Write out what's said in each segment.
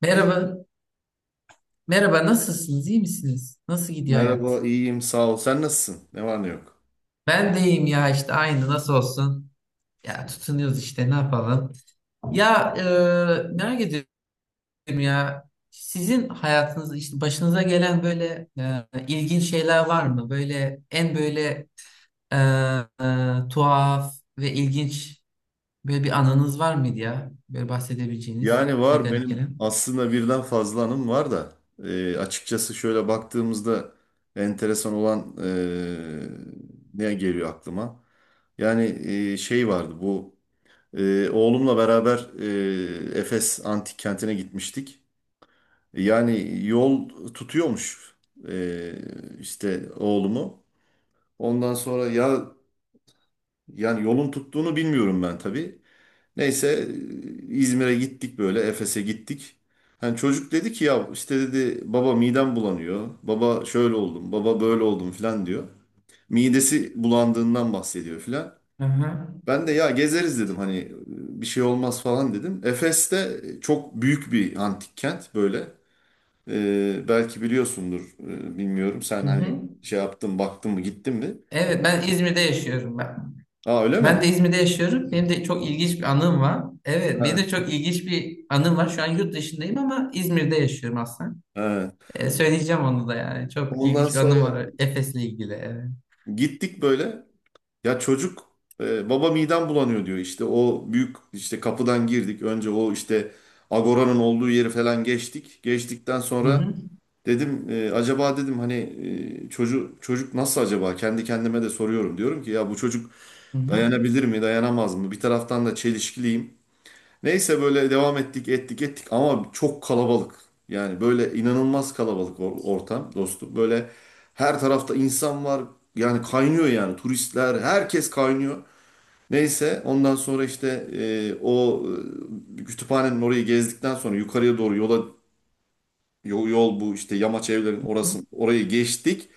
Merhaba. Merhaba, nasılsınız? İyi misiniz? Nasıl gidiyor Merhaba, hayat? iyiyim, sağ ol. Sen nasılsın? Ne var ne yok? Ben de iyiyim ya işte, aynı, nasıl olsun? Ya tutunuyoruz işte, ne yapalım? Ya e, Merak ediyorum ya, sizin hayatınızda işte başınıza gelen böyle ilginç şeyler var mı? Böyle en böyle e, tuhaf ve ilginç böyle bir anınız var mıydı ya? Böyle bahsedebileceğiniz, Yani size var garip benim gelen. aslında birden fazla anım var da açıkçası şöyle baktığımızda enteresan olan ne geliyor aklıma? Yani şey vardı bu oğlumla beraber Efes Antik Kenti'ne gitmiştik. Yani yol tutuyormuş e, işte oğlumu. Ondan sonra ya yani yolun tuttuğunu bilmiyorum ben tabii. Neyse İzmir'e gittik böyle Efes'e gittik. Hani çocuk dedi ki ya işte dedi baba midem bulanıyor. Baba şöyle oldum, baba böyle oldum filan diyor. Midesi bulandığından bahsediyor filan. Hı hı. Ben de ya gezeriz dedim hani bir şey olmaz falan dedim. Efes'te çok büyük bir antik kent böyle. Belki biliyorsundur bilmiyorum. Sen Hı hani hı. şey yaptın baktın mı gittin mi? Evet, ben İzmir'de yaşıyorum ben. Aa öyle Ben mi? de İzmir'de yaşıyorum. Benim de çok ilginç bir anım var. Evet, benim Ha, de çok ilginç bir anım var. Şu an yurt dışındayım ama İzmir'de yaşıyorum aslında. ha. Söyleyeceğim onu da yani. Çok Ondan ilginç bir anım sonra var Efes'le ilgili. Evet. gittik böyle. Ya çocuk baba midem bulanıyor diyor işte o büyük işte kapıdan girdik önce o işte Agora'nın olduğu yeri falan geçtik. Geçtikten Hı sonra hı. dedim acaba dedim hani çocuk nasıl acaba kendi kendime de soruyorum diyorum ki ya bu çocuk Hı hı. dayanabilir mi dayanamaz mı bir taraftan da çelişkiliyim. Neyse böyle devam ettik ettik ettik ama çok kalabalık yani böyle inanılmaz kalabalık ortam dostum böyle her tarafta insan var yani kaynıyor yani turistler herkes kaynıyor. Neyse ondan sonra işte o kütüphanenin orayı gezdikten sonra yukarıya doğru yola yol bu işte yamaç evlerin Hı. orası orayı geçtik.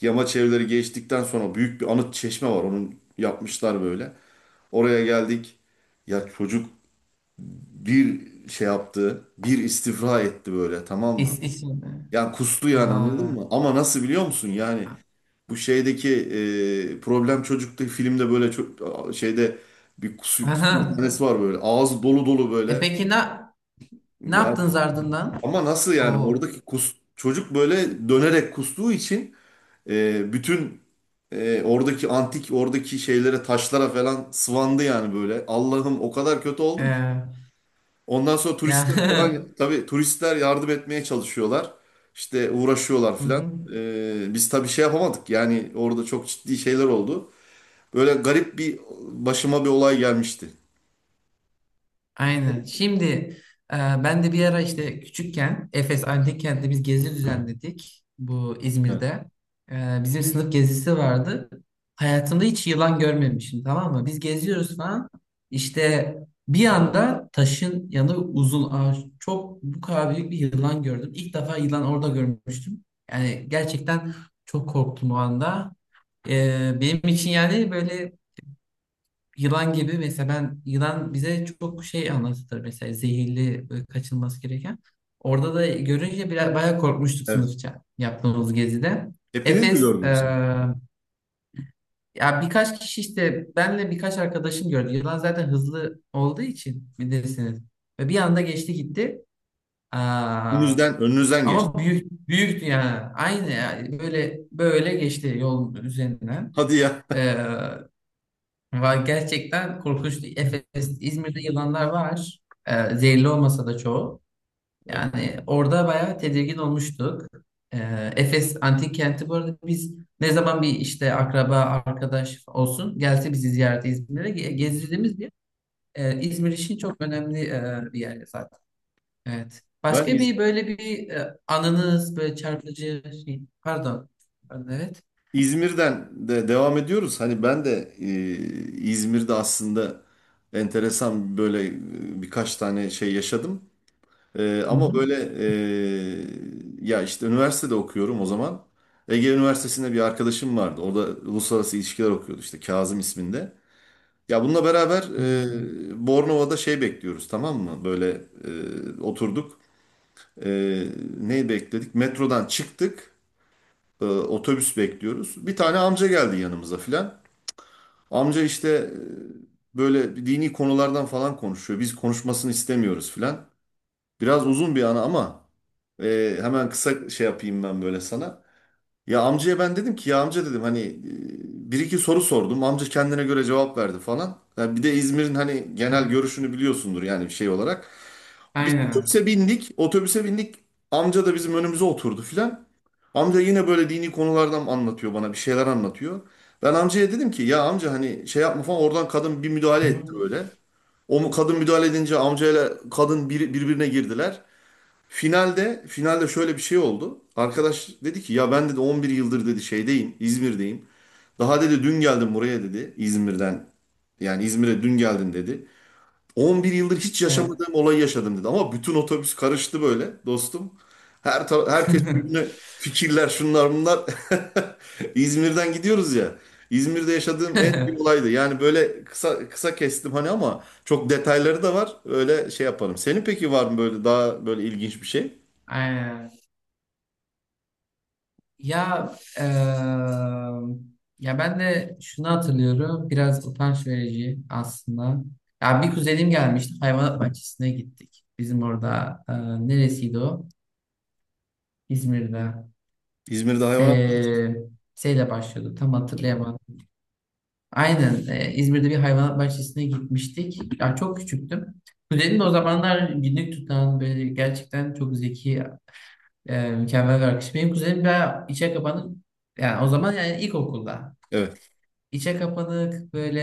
Yamaç evleri geçtikten sonra büyük bir anıt çeşme var. Onun yapmışlar böyle. Oraya geldik. Ya çocuk bir şey yaptı. Bir istifra etti böyle tamam mı? İs, İzmir'de. Ya kustu yani anladın Aa, mı? Ama nasıl biliyor musun? Yani bu şeydeki Problem Çocuk'taki filmde böyle çok şeyde bir aha. kusma sahnesi var böyle. Ağız dolu dolu E böyle. peki ne ne Ya yaptınız ardından? ama nasıl yani O oradaki kus çocuk böyle dönerek kustuğu için bütün oradaki antik oradaki şeylere taşlara falan sıvandı yani böyle. Allah'ım o kadar kötü e, oldum ki. Ondan sonra Ya. turistler falan tabii turistler yardım etmeye çalışıyorlar. İşte uğraşıyorlar Hı falan. hı. Biz tabii şey yapamadık yani orada çok ciddi şeyler oldu. Böyle garip bir başıma bir olay gelmişti. Aynen. Şimdi ben de bir ara işte küçükken Efes Antik Kent'te biz gezi düzenledik, bu Evet. İzmir'de. Bizim sınıf gezisi vardı. Hayatımda hiç yılan görmemişim, tamam mı? Biz geziyoruz falan. İşte bir anda taşın yanında uzun ağaç, çok bu kadar büyük bir yılan gördüm. İlk defa yılan orada görmüştüm. Yani gerçekten çok korktum o anda. Benim için yani böyle yılan gibi mesela, ben yılan bize çok şey anlatılır mesela, zehirli, böyle kaçınması gereken. Orada da görünce biraz bayağı korkmuştuk Evet. sınıfça yaptığımız gezide. Hepiniz mi Efes gördünüz? e, Ya birkaç kişi işte, benle birkaç arkadaşım gördü. Yılan zaten hızlı olduğu için bilirsiniz. Ve bir anda geçti gitti. Aa, Önünüzden, önünüzden geçti. ama büyük büyüktü yani. Aynı yani, böyle böyle geçti yolun üzerinden. Hadi ya. Var gerçekten, korkunç. Efes, İzmir'de yılanlar var. Zehirli olmasa da çoğu. Evet. Yani orada bayağı tedirgin olmuştuk. Efes antik kenti bu arada biz, ne zaman bir işte akraba, arkadaş olsun gelse bizi ziyarete İzmir'e ge- gezdirdiğimiz bir yer. İzmir için çok önemli bir yer zaten. Evet. Ben Başka İz- bir böyle bir anınız, böyle çarpıcı şey. Pardon. Pardon, evet. İzmir'den de devam ediyoruz. Hani ben de İzmir'de aslında enteresan böyle birkaç tane şey yaşadım. Hı Ama hı. böyle e, ya işte üniversitede okuyorum o zaman. Ege Üniversitesi'nde bir arkadaşım vardı. Orada uluslararası ilişkiler okuyordu işte Kazım isminde. Ya bununla beraber Ne güzel. Bornova'da şey bekliyoruz tamam mı? Böyle oturduk. E, Neyi bekledik? Metrodan çıktık. Otobüs bekliyoruz. Bir tane amca geldi yanımıza filan. Amca işte böyle dini konulardan falan konuşuyor. Biz konuşmasını istemiyoruz filan. Biraz uzun bir ana ama hemen kısa şey yapayım ben böyle sana. Ya amcaya ben dedim ki ya amca dedim hani bir iki soru sordum. Amca kendine göre cevap verdi falan. Ya bir de İzmir'in hani Hı. genel görüşünü biliyorsundur yani bir şey olarak. Biz Aynen. otobüse bindik. Otobüse bindik. Amca da bizim önümüze oturdu filan. Amca yine böyle dini konulardan anlatıyor bana bir şeyler anlatıyor. Ben amcaya dedim ki ya amca hani şey yapma falan oradan kadın bir müdahale Hı etti hı. böyle. Kadın müdahale edince amcayla kadın birbirine girdiler. Finalde şöyle bir şey oldu. Arkadaş dedi ki ya ben dedi 11 yıldır dedi şeydeyim, İzmir'deyim. Daha dedi dün geldim buraya dedi İzmir'den. Yani İzmir'e dün geldim dedi. 11 yıldır hiç Evet. yaşamadığım olayı yaşadım dedi. Ama bütün otobüs karıştı böyle dostum. Herkes birbirine fikirler şunlar bunlar. İzmir'den gidiyoruz ya. İzmir'de yaşadığım en iyi olaydı. Yani böyle kısa kısa kestim hani ama çok detayları da var. Öyle şey yaparım. Senin peki var mı böyle daha böyle ilginç bir şey? Aynen. Ya eee, Ya ben de şunu hatırlıyorum. Biraz utanç verici aslında. Ya bir kuzenim gelmişti. Hayvanat bahçesine gittik. Bizim orada neresiydi o? İzmir'de. İzmir'de hayvanat Se Seyle başlıyordu. Tam hatırlayamadım. Aynen. İzmir'de bir hayvanat bahçesine gitmiştik. Ya çok küçüktüm. Kuzenim de o zamanlar günlük tutan, böyle gerçekten çok zeki, mükemmel bir akış. Benim kuzenim bayağı içe kapanık. Yani o zaman, yani ilkokulda. Evet. İçe kapanık, böyle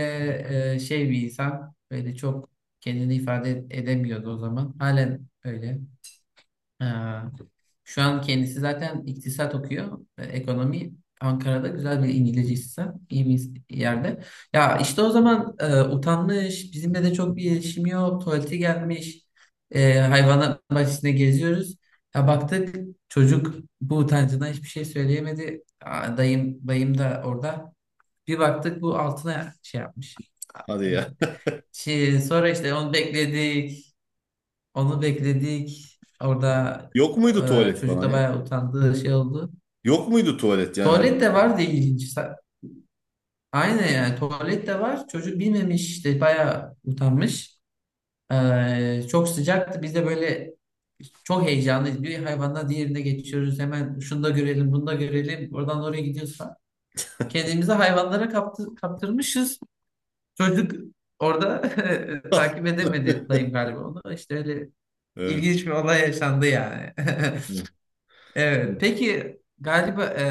şey bir insan. Böyle çok kendini ifade edemiyordu o zaman. Halen öyle. Ee, Şu an kendisi zaten iktisat okuyor, ekonomi. Ankara'da güzel bir İngilizce sistem, iyi bir yerde. Ya işte o zaman utanmış, bizimle de çok bir iletişim yok, tuvaleti gelmiş, hayvanat bahçesinde geziyoruz. Ya baktık, çocuk bu utancından hiçbir şey söyleyemedi. Aa, dayım, bayım da orada. Bir baktık bu altına şey yapmış. Hadi ya. Evet. Şey, sonra işte onu bekledik. Onu bekledik. Orada Yok muydu tuvalet çocuk falan da ya? bayağı utandığı şey oldu. Yok muydu tuvalet yani? Hani... Tuvalet de var diye ilginç. Sa- Aynen, yani tuvalet de var. Çocuk bilmemiş işte, bayağı utanmış. E, çok sıcaktı. Biz de böyle çok heyecanlıyız. Bir hayvandan diğerine geçiyoruz. Hemen şunu da görelim, bunu da görelim. Oradan oraya gidiyoruz falan. Kendimizi hayvanlara kaptı, kaptırmışız. Çocuk orada takip edemedi dayım galiba onu. İşte öyle Evet. ilginç bir olay yaşandı yani. Evet. Evet. Peki galiba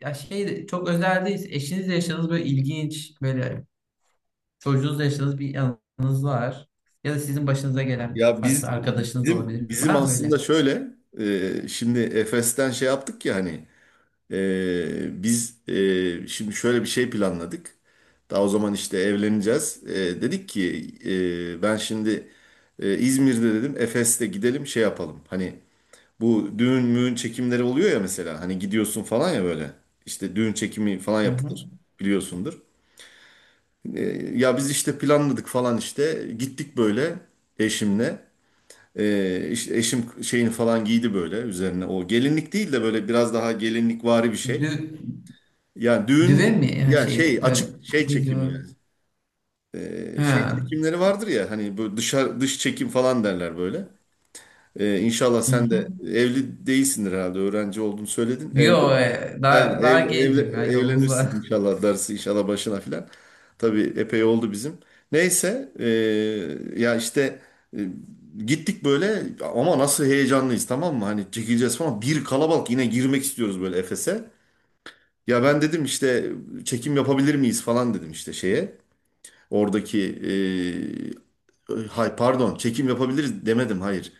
ya şey, çok özel değil. Eşinizle yaşadığınız böyle ilginç böyle, çocuğunuzla yaşadığınız bir anınız var. Ya da sizin başınıza gelen, Ya farklı biz arkadaşınız bizim olabilir. bizim Var mı böyle? aslında şöyle şimdi Efes'ten şey yaptık ya hani biz şimdi şöyle bir şey planladık. Daha o zaman işte evleneceğiz. Dedik ki ben şimdi İzmir'de dedim Efes'te gidelim şey yapalım. Hani bu düğün müğün çekimleri oluyor ya mesela. Hani gidiyorsun falan ya böyle. İşte düğün çekimi falan Hı hı. yapılır. Biliyorsundur. Ee, Ya biz işte planladık falan işte. Gittik böyle eşimle. İşte eşim şeyini falan giydi böyle üzerine. O gelinlik değil de böyle biraz daha gelinlikvari bir şey. Dü, Yani düğün düve mi? Ha, ya şey şey böyle, açık şey ne çekimi yani. diyor? Şey Ha. çekimleri vardır ya hani böyle dışarı dış çekim falan derler böyle. İnşallah Hı sen hı. de evli değilsindir herhalde öğrenci olduğunu söyledin. Yo, Ha, daha gencim ya, yolumuz var. evlenirsin inşallah darısı inşallah başına filan. Tabii epey oldu bizim. Neyse ya işte e, gittik böyle ama nasıl heyecanlıyız tamam mı? Hani çekileceğiz falan bir kalabalık yine girmek istiyoruz böyle Efes'e. Ya ben dedim işte çekim yapabilir miyiz falan dedim işte şeye. Oradaki hay pardon çekim yapabiliriz demedim hayır.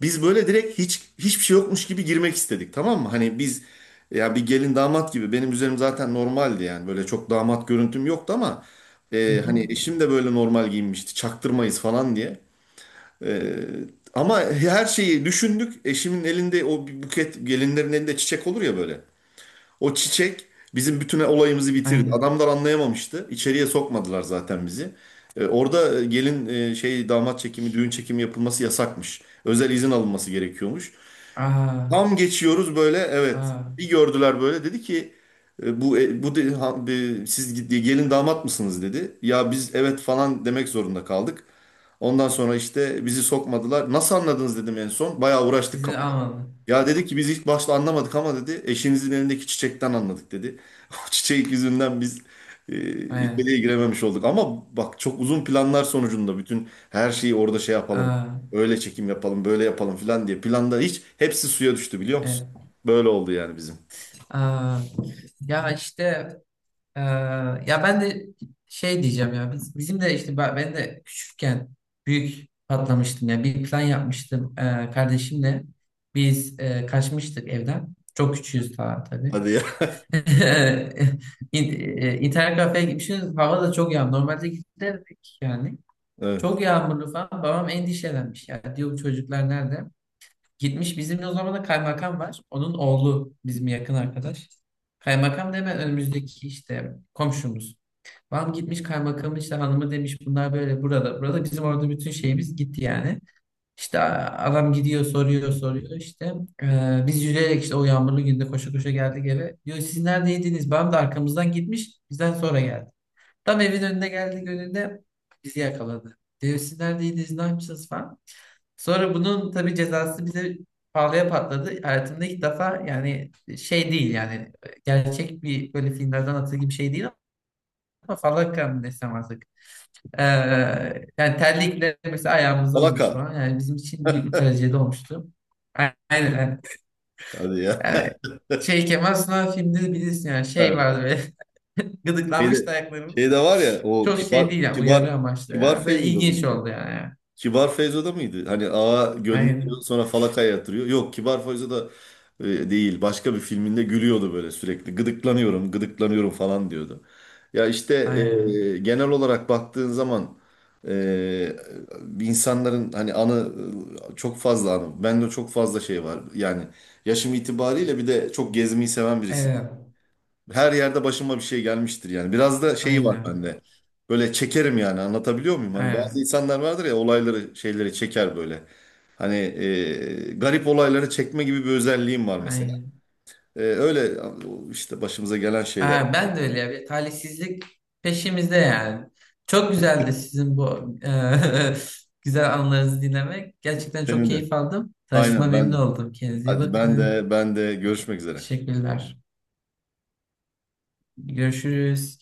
Biz böyle direkt hiç hiçbir şey yokmuş gibi girmek istedik tamam mı? Hani biz ya bir gelin damat gibi benim üzerim zaten normaldi yani böyle çok damat görüntüm yoktu ama Hı hı. hani eşim de böyle normal giyinmişti çaktırmayız falan diye. E, Ama her şeyi düşündük eşimin elinde o bir buket gelinlerin elinde çiçek olur ya böyle. O çiçek bizim bütün olayımızı bitirdi. Aynen. Adamlar anlayamamıştı içeriye sokmadılar zaten bizi. Orada gelin şey damat çekimi, düğün çekimi yapılması yasakmış. Özel izin alınması gerekiyormuş. Aa, Tam geçiyoruz böyle evet. aa. Bir gördüler böyle dedi ki e, bu e, bu de, ha- e, siz gelin damat mısınız dedi. Ya biz evet falan demek zorunda kaldık. Ondan sonra işte bizi sokmadılar. Nasıl anladınız dedim en son. Bayağı uğraştık Sizi kapıda. almadım. Ya dedi ki biz ilk başta anlamadık ama dedi eşinizin elindeki çiçekten anladık dedi. O çiçek yüzünden biz içeriye Aynen. girememiş olduk. Ama bak çok uzun planlar sonucunda bütün her şeyi orada şey yapalım. Aa, Öyle çekim yapalım, böyle yapalım filan diye planda hiç hepsi suya düştü biliyor musun? evet. Böyle oldu yani bizim. Ee, ya işte e, Ya ben de şey diyeceğim, ya bizim de işte ben de küçükken büyük patlamıştım ya, bir plan yapmıştım kardeşimle biz kaçmıştık evden, çok küçüğüz daha tabii. Hadi ya. İnternet kafeye gitmişiz, hava da çok yağmurlu, normalde giderdik yani, Evet. çok yağmurlu falan, babam endişelenmiş ya, diyor bu çocuklar nerede. Gitmiş bizim o zaman da kaymakam var. Onun oğlu bizim yakın arkadaş. Kaymakam da hemen önümüzdeki işte komşumuz. Babam gitmiş kaymakamın işte, hanımı demiş bunlar böyle burada. Burada bizim orada bütün şeyimiz gitti yani. İşte a- adam gidiyor, soruyor soruyor işte. Biz yürüyerek işte o yağmurlu günde koşa koşa geldik eve. Diyor siz neredeydiniz? Babam da arkamızdan gitmiş, bizden sonra geldi. Tam evin önüne geldi, önünde bizi yakaladı. Diyor siz neredeydiniz, ne yapmışsınız falan. Sonra bunun tabii cezası bize pahalıya patladı. Hayatımda ilk defa yani, şey değil yani, gerçek bir böyle filmlerden atıl gibi şey değil ama falaka mı desem artık. Ee, Yani terlikle mesela ayağımıza vurmuş Alakar. falan. Yani bizim için bir trajedi olmuştu. Aynen. Hadi ya. Yani şey Kemal Sunal filmde bilirsin yani, şey Evet. var böyle, gıdıklanmış da Şeyde, ayaklarımız. Şeyde var ya o Çok şey değil yani, uyarı amaçlı Kibar ya. Böyle Feyzo'da ilginç mıydı ya? oldu yani. Kibar Feyzo'da mıydı? Hani ağa gönderiyor Aynen. sonra falakaya yatırıyor. Yok Kibar Feyzo'da değil. Başka bir filminde gülüyordu böyle sürekli. Gıdıklanıyorum, gıdıklanıyorum falan diyordu. Ya işte Aynen. Genel olarak baktığın zaman e, insanların hani anı çok fazla anı. Bende çok fazla şey var. Yani yaşım itibariyle bir de çok gezmeyi seven birisi. Evet. Her yerde başıma bir şey gelmiştir yani. Biraz da şeyi var Aynen. bende. Böyle çekerim yani anlatabiliyor muyum? Hani bazı Aynen. insanlar vardır ya olayları şeyleri çeker böyle. Hani garip olayları çekme gibi bir özelliğim var mesela. Aynen. Öyle işte başımıza gelen şeyler. Ha, ben de öyle ya. Bir talihsizlik peşimizde yani. Çok güzeldi sizin bu güzel anılarınızı dinlemek. Gerçekten çok Senin de. keyif aldım. Tanıştığıma Aynen memnun ben de. oldum. Kendinize iyi Hadi ben bakın. de ben de görüşmek üzere. Teşekkürler. Görüşürüz.